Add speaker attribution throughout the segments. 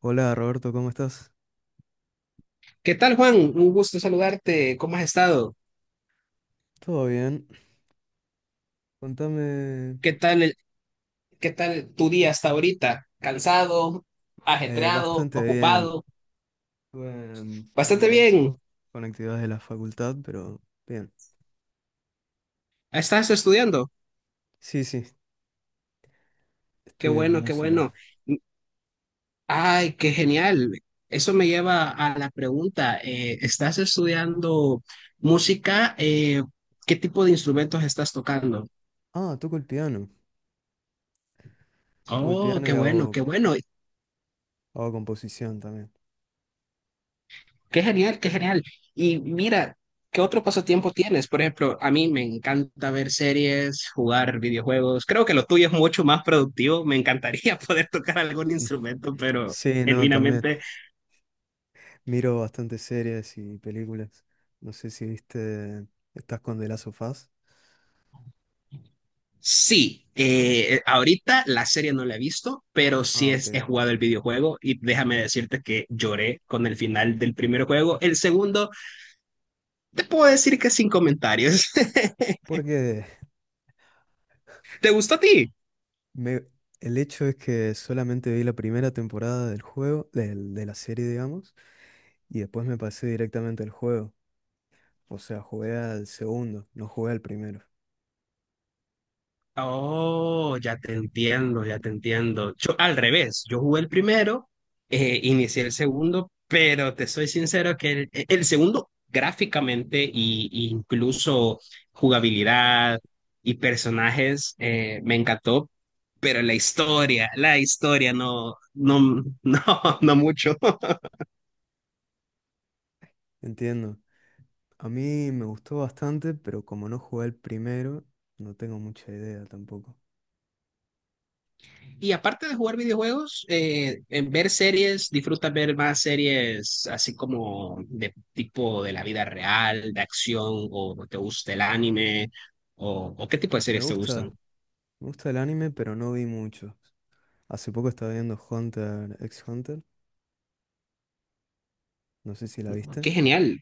Speaker 1: Hola Roberto, ¿cómo estás?
Speaker 2: ¿Qué tal, Juan? Un gusto saludarte. ¿Cómo has estado?
Speaker 1: ¿Todo bien? Contame.
Speaker 2: ¿Qué tal, qué tal tu día hasta ahorita? ¿Cansado, ajetreado,
Speaker 1: Bastante bien.
Speaker 2: ocupado?
Speaker 1: Estuve en-
Speaker 2: Bastante
Speaker 1: ¿cómo es?
Speaker 2: bien.
Speaker 1: Con actividades de la facultad, pero bien.
Speaker 2: ¿Estás estudiando?
Speaker 1: Sí, sí,
Speaker 2: Qué
Speaker 1: estudio
Speaker 2: bueno, qué
Speaker 1: música.
Speaker 2: bueno. Ay, qué genial. Eso me lleva a la pregunta. ¿ ¿estás estudiando música? ¿ ¿qué tipo de instrumentos estás tocando?
Speaker 1: Ah, toco el piano. Toco el
Speaker 2: Oh,
Speaker 1: piano
Speaker 2: qué
Speaker 1: y
Speaker 2: bueno, qué bueno.
Speaker 1: hago composición también.
Speaker 2: Qué genial, qué genial. Y mira, ¿qué otro pasatiempo tienes? Por ejemplo, a mí me encanta ver series, jugar videojuegos. Creo que lo tuyo es mucho más productivo. Me encantaría poder tocar algún
Speaker 1: Mm.
Speaker 2: instrumento, pero
Speaker 1: Sí, no, también.
Speaker 2: genuinamente
Speaker 1: Miro bastante series y películas. No sé si viste, ¿estás con The Last of Us?
Speaker 2: sí. Ahorita la serie no la he visto, pero sí
Speaker 1: Ah, ok.
Speaker 2: es, he jugado el videojuego y déjame decirte que lloré con el final del primer juego. El segundo, te puedo decir que sin comentarios.
Speaker 1: Porque
Speaker 2: ¿Te gustó a ti?
Speaker 1: me, el hecho es que solamente vi la primera temporada del juego, del- de la serie, digamos. Y después me pasé directamente al juego. O sea, jugué al segundo, no jugué al primero.
Speaker 2: Oh, ya te entiendo, ya te entiendo. Yo al revés, yo jugué el primero, inicié el segundo, pero te soy sincero que el, e, el segundo gráficamente y incluso jugabilidad y personajes me encantó, pero la historia no, no, no, no mucho.
Speaker 1: Entiendo. A mí me gustó bastante, pero como no jugué al primero, no tengo mucha idea tampoco.
Speaker 2: Y aparte de jugar videojuegos, en ver series, disfrutas ver más series así como de tipo de la vida real, de acción, o te gusta el anime, o qué tipo de
Speaker 1: Me
Speaker 2: series te gustan.
Speaker 1: gusta, Me gusta el anime, pero no vi mucho. Hace poco estaba viendo Hunter x Hunter, no sé si la viste.
Speaker 2: Qué genial.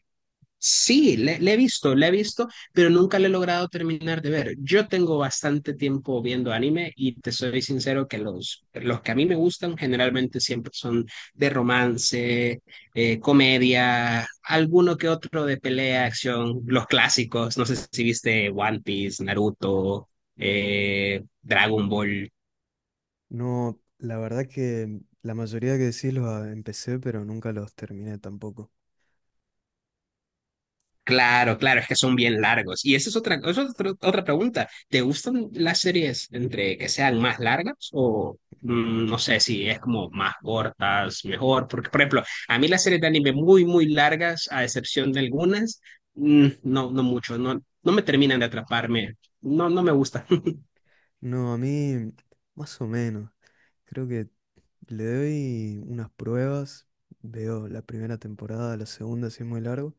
Speaker 2: Sí, le, le he visto, pero nunca le he logrado terminar de ver. Yo tengo bastante tiempo viendo anime y te soy sincero que los que a mí me gustan generalmente siempre son de romance, comedia, alguno que otro de pelea, acción, los clásicos. ¿No sé si viste One Piece, Naruto, Dragon Ball?
Speaker 1: No, la verdad que la mayoría que decís los ah, empecé, pero nunca los terminé tampoco.
Speaker 2: Claro, claro, es que son bien largos. Y esa es otra, eso es otra pregunta. ¿Te gustan las series entre que sean más largas o mm, no sé si es como más cortas, mejor? Porque, por ejemplo, a mí las series de anime muy, muy largas, a excepción de algunas, mm, no, no mucho, no, no me terminan de atraparme. No, no me gusta.
Speaker 1: No, a mí más o menos. Creo que le doy unas pruebas, veo la primera temporada, la segunda si es muy largo,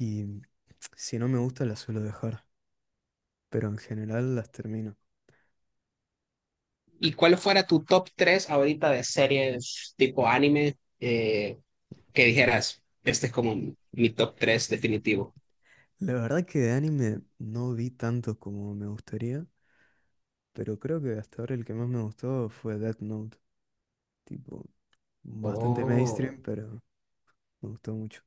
Speaker 1: y si no me gusta la suelo dejar, pero en general las termino.
Speaker 2: ¿Y cuál fuera tu top 3 ahorita de series tipo anime que dijeras, este es como mi top tres definitivo?
Speaker 1: La verdad que de anime no vi tanto como me gustaría, pero creo que hasta ahora el que más me gustó fue Death Note, tipo bastante
Speaker 2: Oh.
Speaker 1: mainstream, pero me gustó mucho.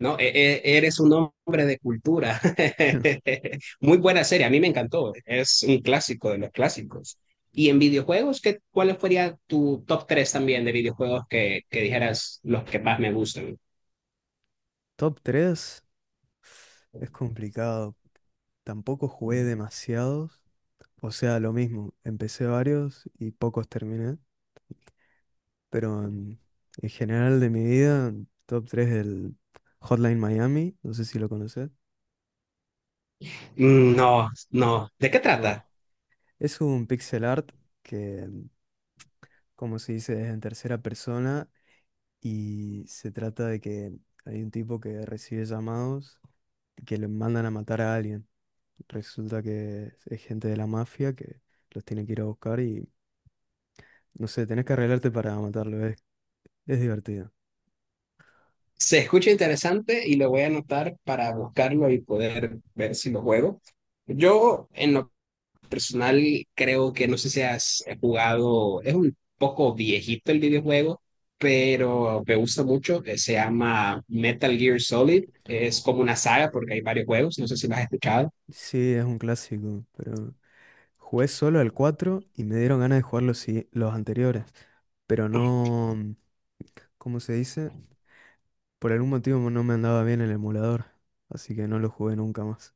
Speaker 2: No, eres un hombre de cultura. Muy buena serie, a mí me encantó. Es un clásico de los clásicos. Y en videojuegos, ¿qué, cuál sería tu top 3 también de videojuegos que dijeras los que más me gustan?
Speaker 1: Top 3 es complicado, tampoco jugué demasiados, o sea, lo mismo, empecé varios y pocos terminé. Pero en general de mi vida, top 3 del Hotline Miami, no sé si lo conoces.
Speaker 2: Mm, no, no. ¿De qué trata?
Speaker 1: No, es un pixel art que, como se dice, es en tercera persona y se trata de que hay un tipo que recibe llamados que le mandan a matar a alguien. Resulta que es gente de la mafia que los tiene que ir a buscar y, no sé, tenés que arreglarte para matarlo, es divertido.
Speaker 2: Se escucha interesante y lo voy a anotar para buscarlo y poder ver si lo juego. Yo, en lo personal creo que no sé si has jugado, es un poco viejito el videojuego, pero me gusta mucho, se llama Metal Gear Solid, es como una saga porque hay varios juegos, no sé si lo has escuchado.
Speaker 1: Sí, es un clásico, pero jugué solo al 4 y me dieron ganas de jugar los, sigui- los anteriores, pero no, ¿cómo se dice? Por algún motivo no me andaba bien el emulador, así que no lo jugué nunca más.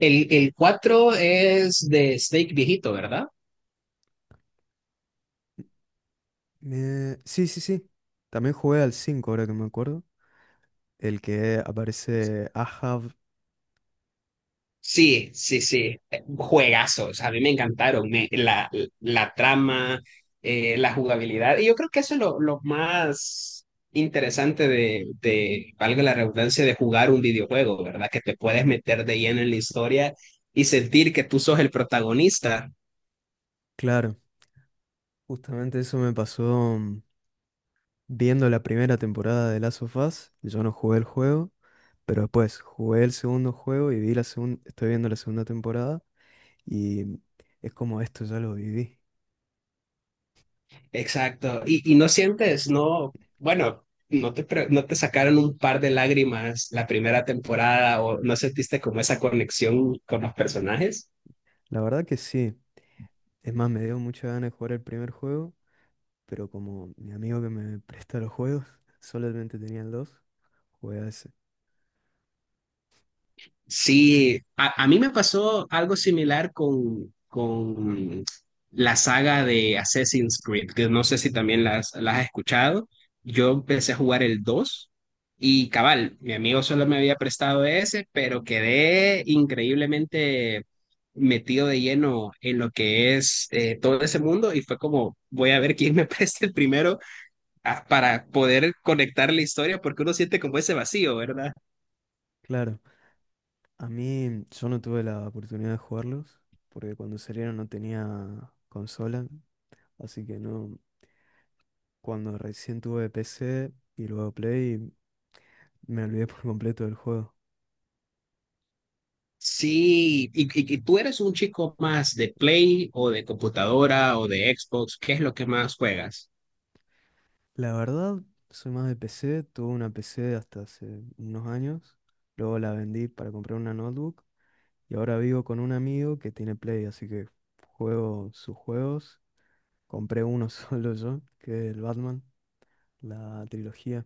Speaker 2: El 4 es de Snake viejito, ¿verdad?
Speaker 1: Sí, sí, sí. También jugué al 5, ahora que me acuerdo, el que aparece Ahab.
Speaker 2: Sí, sí, sí, juegazos, a mí me encantaron, la, la trama, la jugabilidad, y yo creo que eso es lo más interesante de, valga la redundancia, de jugar un videojuego, ¿verdad? Que te puedes meter de lleno en la historia y sentir que tú sos el protagonista.
Speaker 1: Claro, justamente eso me pasó viendo la primera temporada de Last of Us. Yo no jugué el juego, pero después jugué el segundo juego y vi la segunda, estoy viendo la segunda temporada. Y es como esto ya lo viví.
Speaker 2: Exacto, y no sientes, no, bueno, no te, no te sacaron un par de lágrimas la primera temporada o no sentiste como esa conexión con los personajes.
Speaker 1: La verdad que sí. Es más, me dio mucha ganas de jugar el primer juego, pero como mi amigo que me presta los juegos solamente tenía el 2, jugué a ese.
Speaker 2: Sí, a mí me pasó algo similar con la saga de Assassin's Creed, que no sé si también las has escuchado. Yo empecé a jugar el 2 y cabal, mi amigo solo me había prestado ese, pero quedé increíblemente metido de lleno en lo que es todo ese mundo y fue como, voy a ver quién me presta el primero ah, para poder conectar la historia, porque uno siente como ese vacío, ¿verdad?
Speaker 1: Claro, a mí yo no tuve la oportunidad de jugarlos, porque cuando salieron no tenía consola, así que no, cuando recién tuve PC y luego Play, me olvidé por completo del juego.
Speaker 2: Sí, y, y tú eres un chico más de Play o de computadora o de Xbox, ¿qué es lo que más juegas?
Speaker 1: La verdad, soy más de PC. Tuve una PC hasta hace unos años. Luego la vendí para comprar una notebook. Y ahora vivo con un amigo que tiene Play, así que juego sus juegos. Compré uno solo yo, que es el Batman, la trilogía.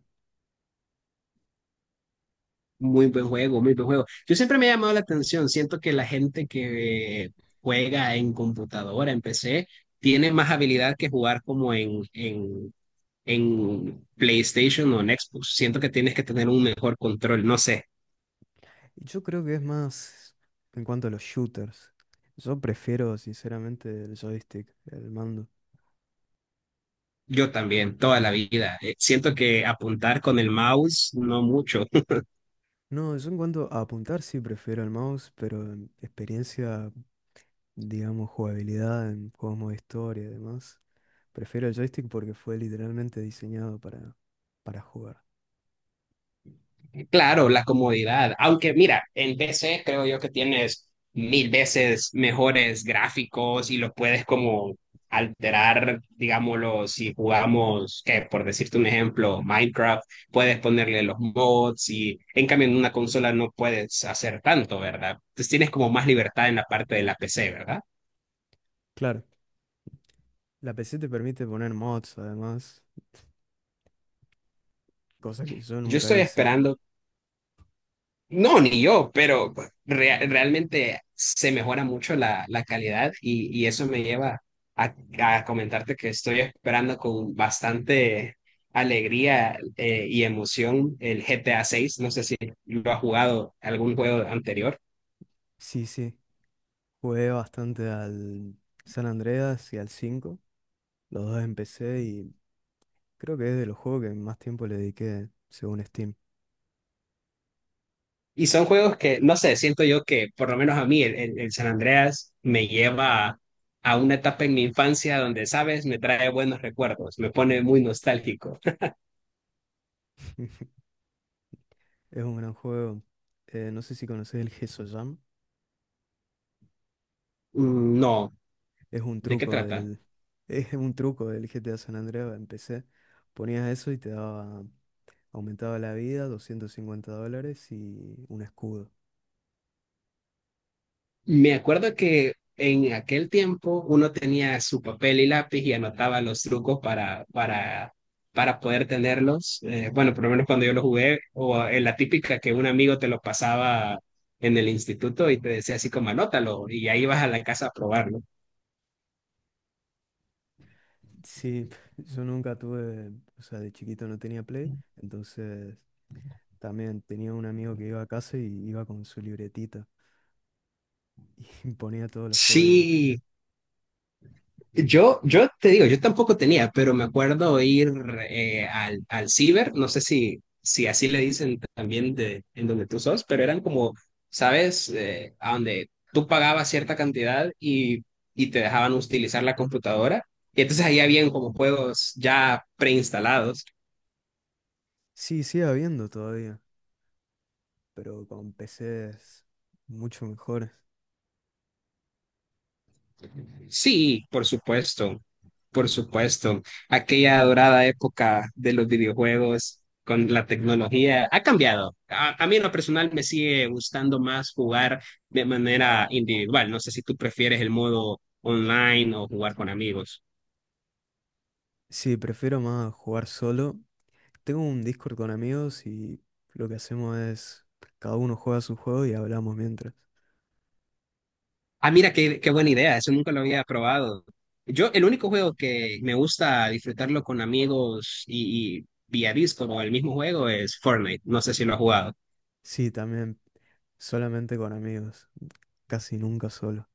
Speaker 2: Muy buen juego, muy buen juego. Yo siempre me ha llamado la atención, siento que la gente que juega en computadora, en PC, tiene más habilidad que jugar como en PlayStation o en Xbox. Siento que tienes que tener un mejor control, no sé,
Speaker 1: Y yo creo que es más en cuanto a los shooters. Yo prefiero, sinceramente, el joystick, el mando.
Speaker 2: yo también, toda la vida. Siento que apuntar con el mouse, no mucho.
Speaker 1: No, yo en cuanto a apuntar sí prefiero el mouse, pero en experiencia, digamos, jugabilidad en juegos modo historia y demás. Prefiero el joystick porque fue literalmente diseñado para jugar.
Speaker 2: Claro, la comodidad. Aunque mira, en PC creo yo que tienes mil veces mejores gráficos y los puedes como alterar, digámoslo, si jugamos, que por decirte un ejemplo, Minecraft, puedes ponerle los mods y en cambio en una consola no puedes hacer tanto, ¿verdad? Entonces tienes como más libertad en la parte de la PC, ¿verdad?
Speaker 1: Claro, la PC te permite poner mods, además, cosa que yo
Speaker 2: Yo
Speaker 1: nunca
Speaker 2: estoy
Speaker 1: hice.
Speaker 2: esperando. No, ni yo, pero pues, realmente se mejora mucho la, la calidad y eso me lleva a, a comentarte que estoy esperando con bastante alegría y emoción el GTA 6. No sé si lo has jugado algún juego anterior.
Speaker 1: Sí, sí, jugué bastante al San Andreas y al 5 los dos en PC y creo que es de los juegos que más tiempo le dediqué, según Steam.
Speaker 2: Y son juegos que, no sé, siento yo que por lo menos a mí el, el San Andreas me lleva a una etapa en mi infancia donde, sabes, me trae buenos recuerdos, me pone muy nostálgico.
Speaker 1: Es un gran juego. No sé si conoces el Gesso Jam.
Speaker 2: Mm, no,
Speaker 1: Es un
Speaker 2: ¿de qué
Speaker 1: truco
Speaker 2: trata?
Speaker 1: del, es un truco del GTA San Andreas en PC. Ponías eso y te daba. Aumentaba la vida, $250 y un escudo.
Speaker 2: Me acuerdo que en aquel tiempo uno tenía su papel y lápiz y anotaba los trucos para poder tenerlos. Bueno, por lo menos cuando yo lo jugué, o en la típica que un amigo te lo pasaba en el instituto y te decía así como anótalo y ahí vas a la casa a probarlo.
Speaker 1: Sí, yo nunca tuve, o sea, de chiquito no tenía Play, entonces también tenía un amigo que iba a casa y iba con su libretita y ponía todos los códigos.
Speaker 2: Sí, yo te digo, yo tampoco tenía, pero me acuerdo ir al, al ciber, no sé si, si así le dicen también de, en donde tú sos, pero eran como, ¿sabes? A donde tú pagabas cierta cantidad y te dejaban utilizar la computadora. Y entonces ahí habían como juegos ya preinstalados.
Speaker 1: Sí, sigue habiendo todavía, pero con PCs mucho mejores.
Speaker 2: Sí, por supuesto, por supuesto. Aquella dorada época de los videojuegos con la tecnología ha cambiado. A mí en lo personal me sigue gustando más jugar de manera individual. No sé si tú prefieres el modo online o jugar con amigos.
Speaker 1: Sí, prefiero más jugar solo. Tengo un Discord con amigos y lo que hacemos es cada uno juega su juego y hablamos mientras.
Speaker 2: Ah, mira, qué, qué buena idea. Eso nunca lo había probado. Yo, el único juego que me gusta disfrutarlo con amigos y vía Discord o el mismo juego es Fortnite. No sé si lo has jugado.
Speaker 1: Sí, también solamente con amigos, casi nunca solo.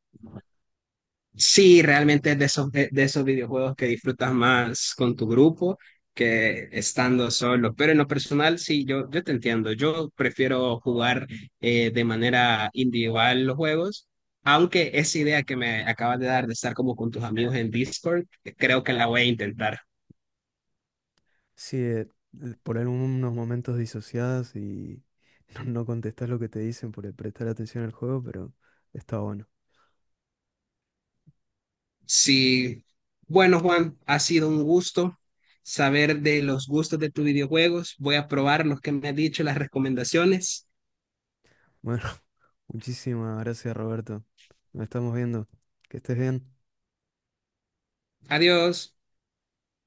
Speaker 2: Sí, realmente es de esos videojuegos que disfrutas más con tu grupo que estando solo. Pero en lo personal, sí, yo te entiendo. Yo prefiero jugar de manera individual los juegos, aunque esa idea que me acabas de dar de estar como con tus amigos en Discord, creo que la voy a intentar.
Speaker 1: Sí, por algunos momentos disociadas y no, no contestás lo que te dicen por el prestar atención al juego, pero está bueno.
Speaker 2: Sí, bueno, Juan, ha sido un gusto saber de los gustos de tus videojuegos. Voy a probar los que me has dicho, las recomendaciones.
Speaker 1: Bueno, muchísimas gracias, Roberto. Nos estamos viendo. Que estés bien.
Speaker 2: Adiós.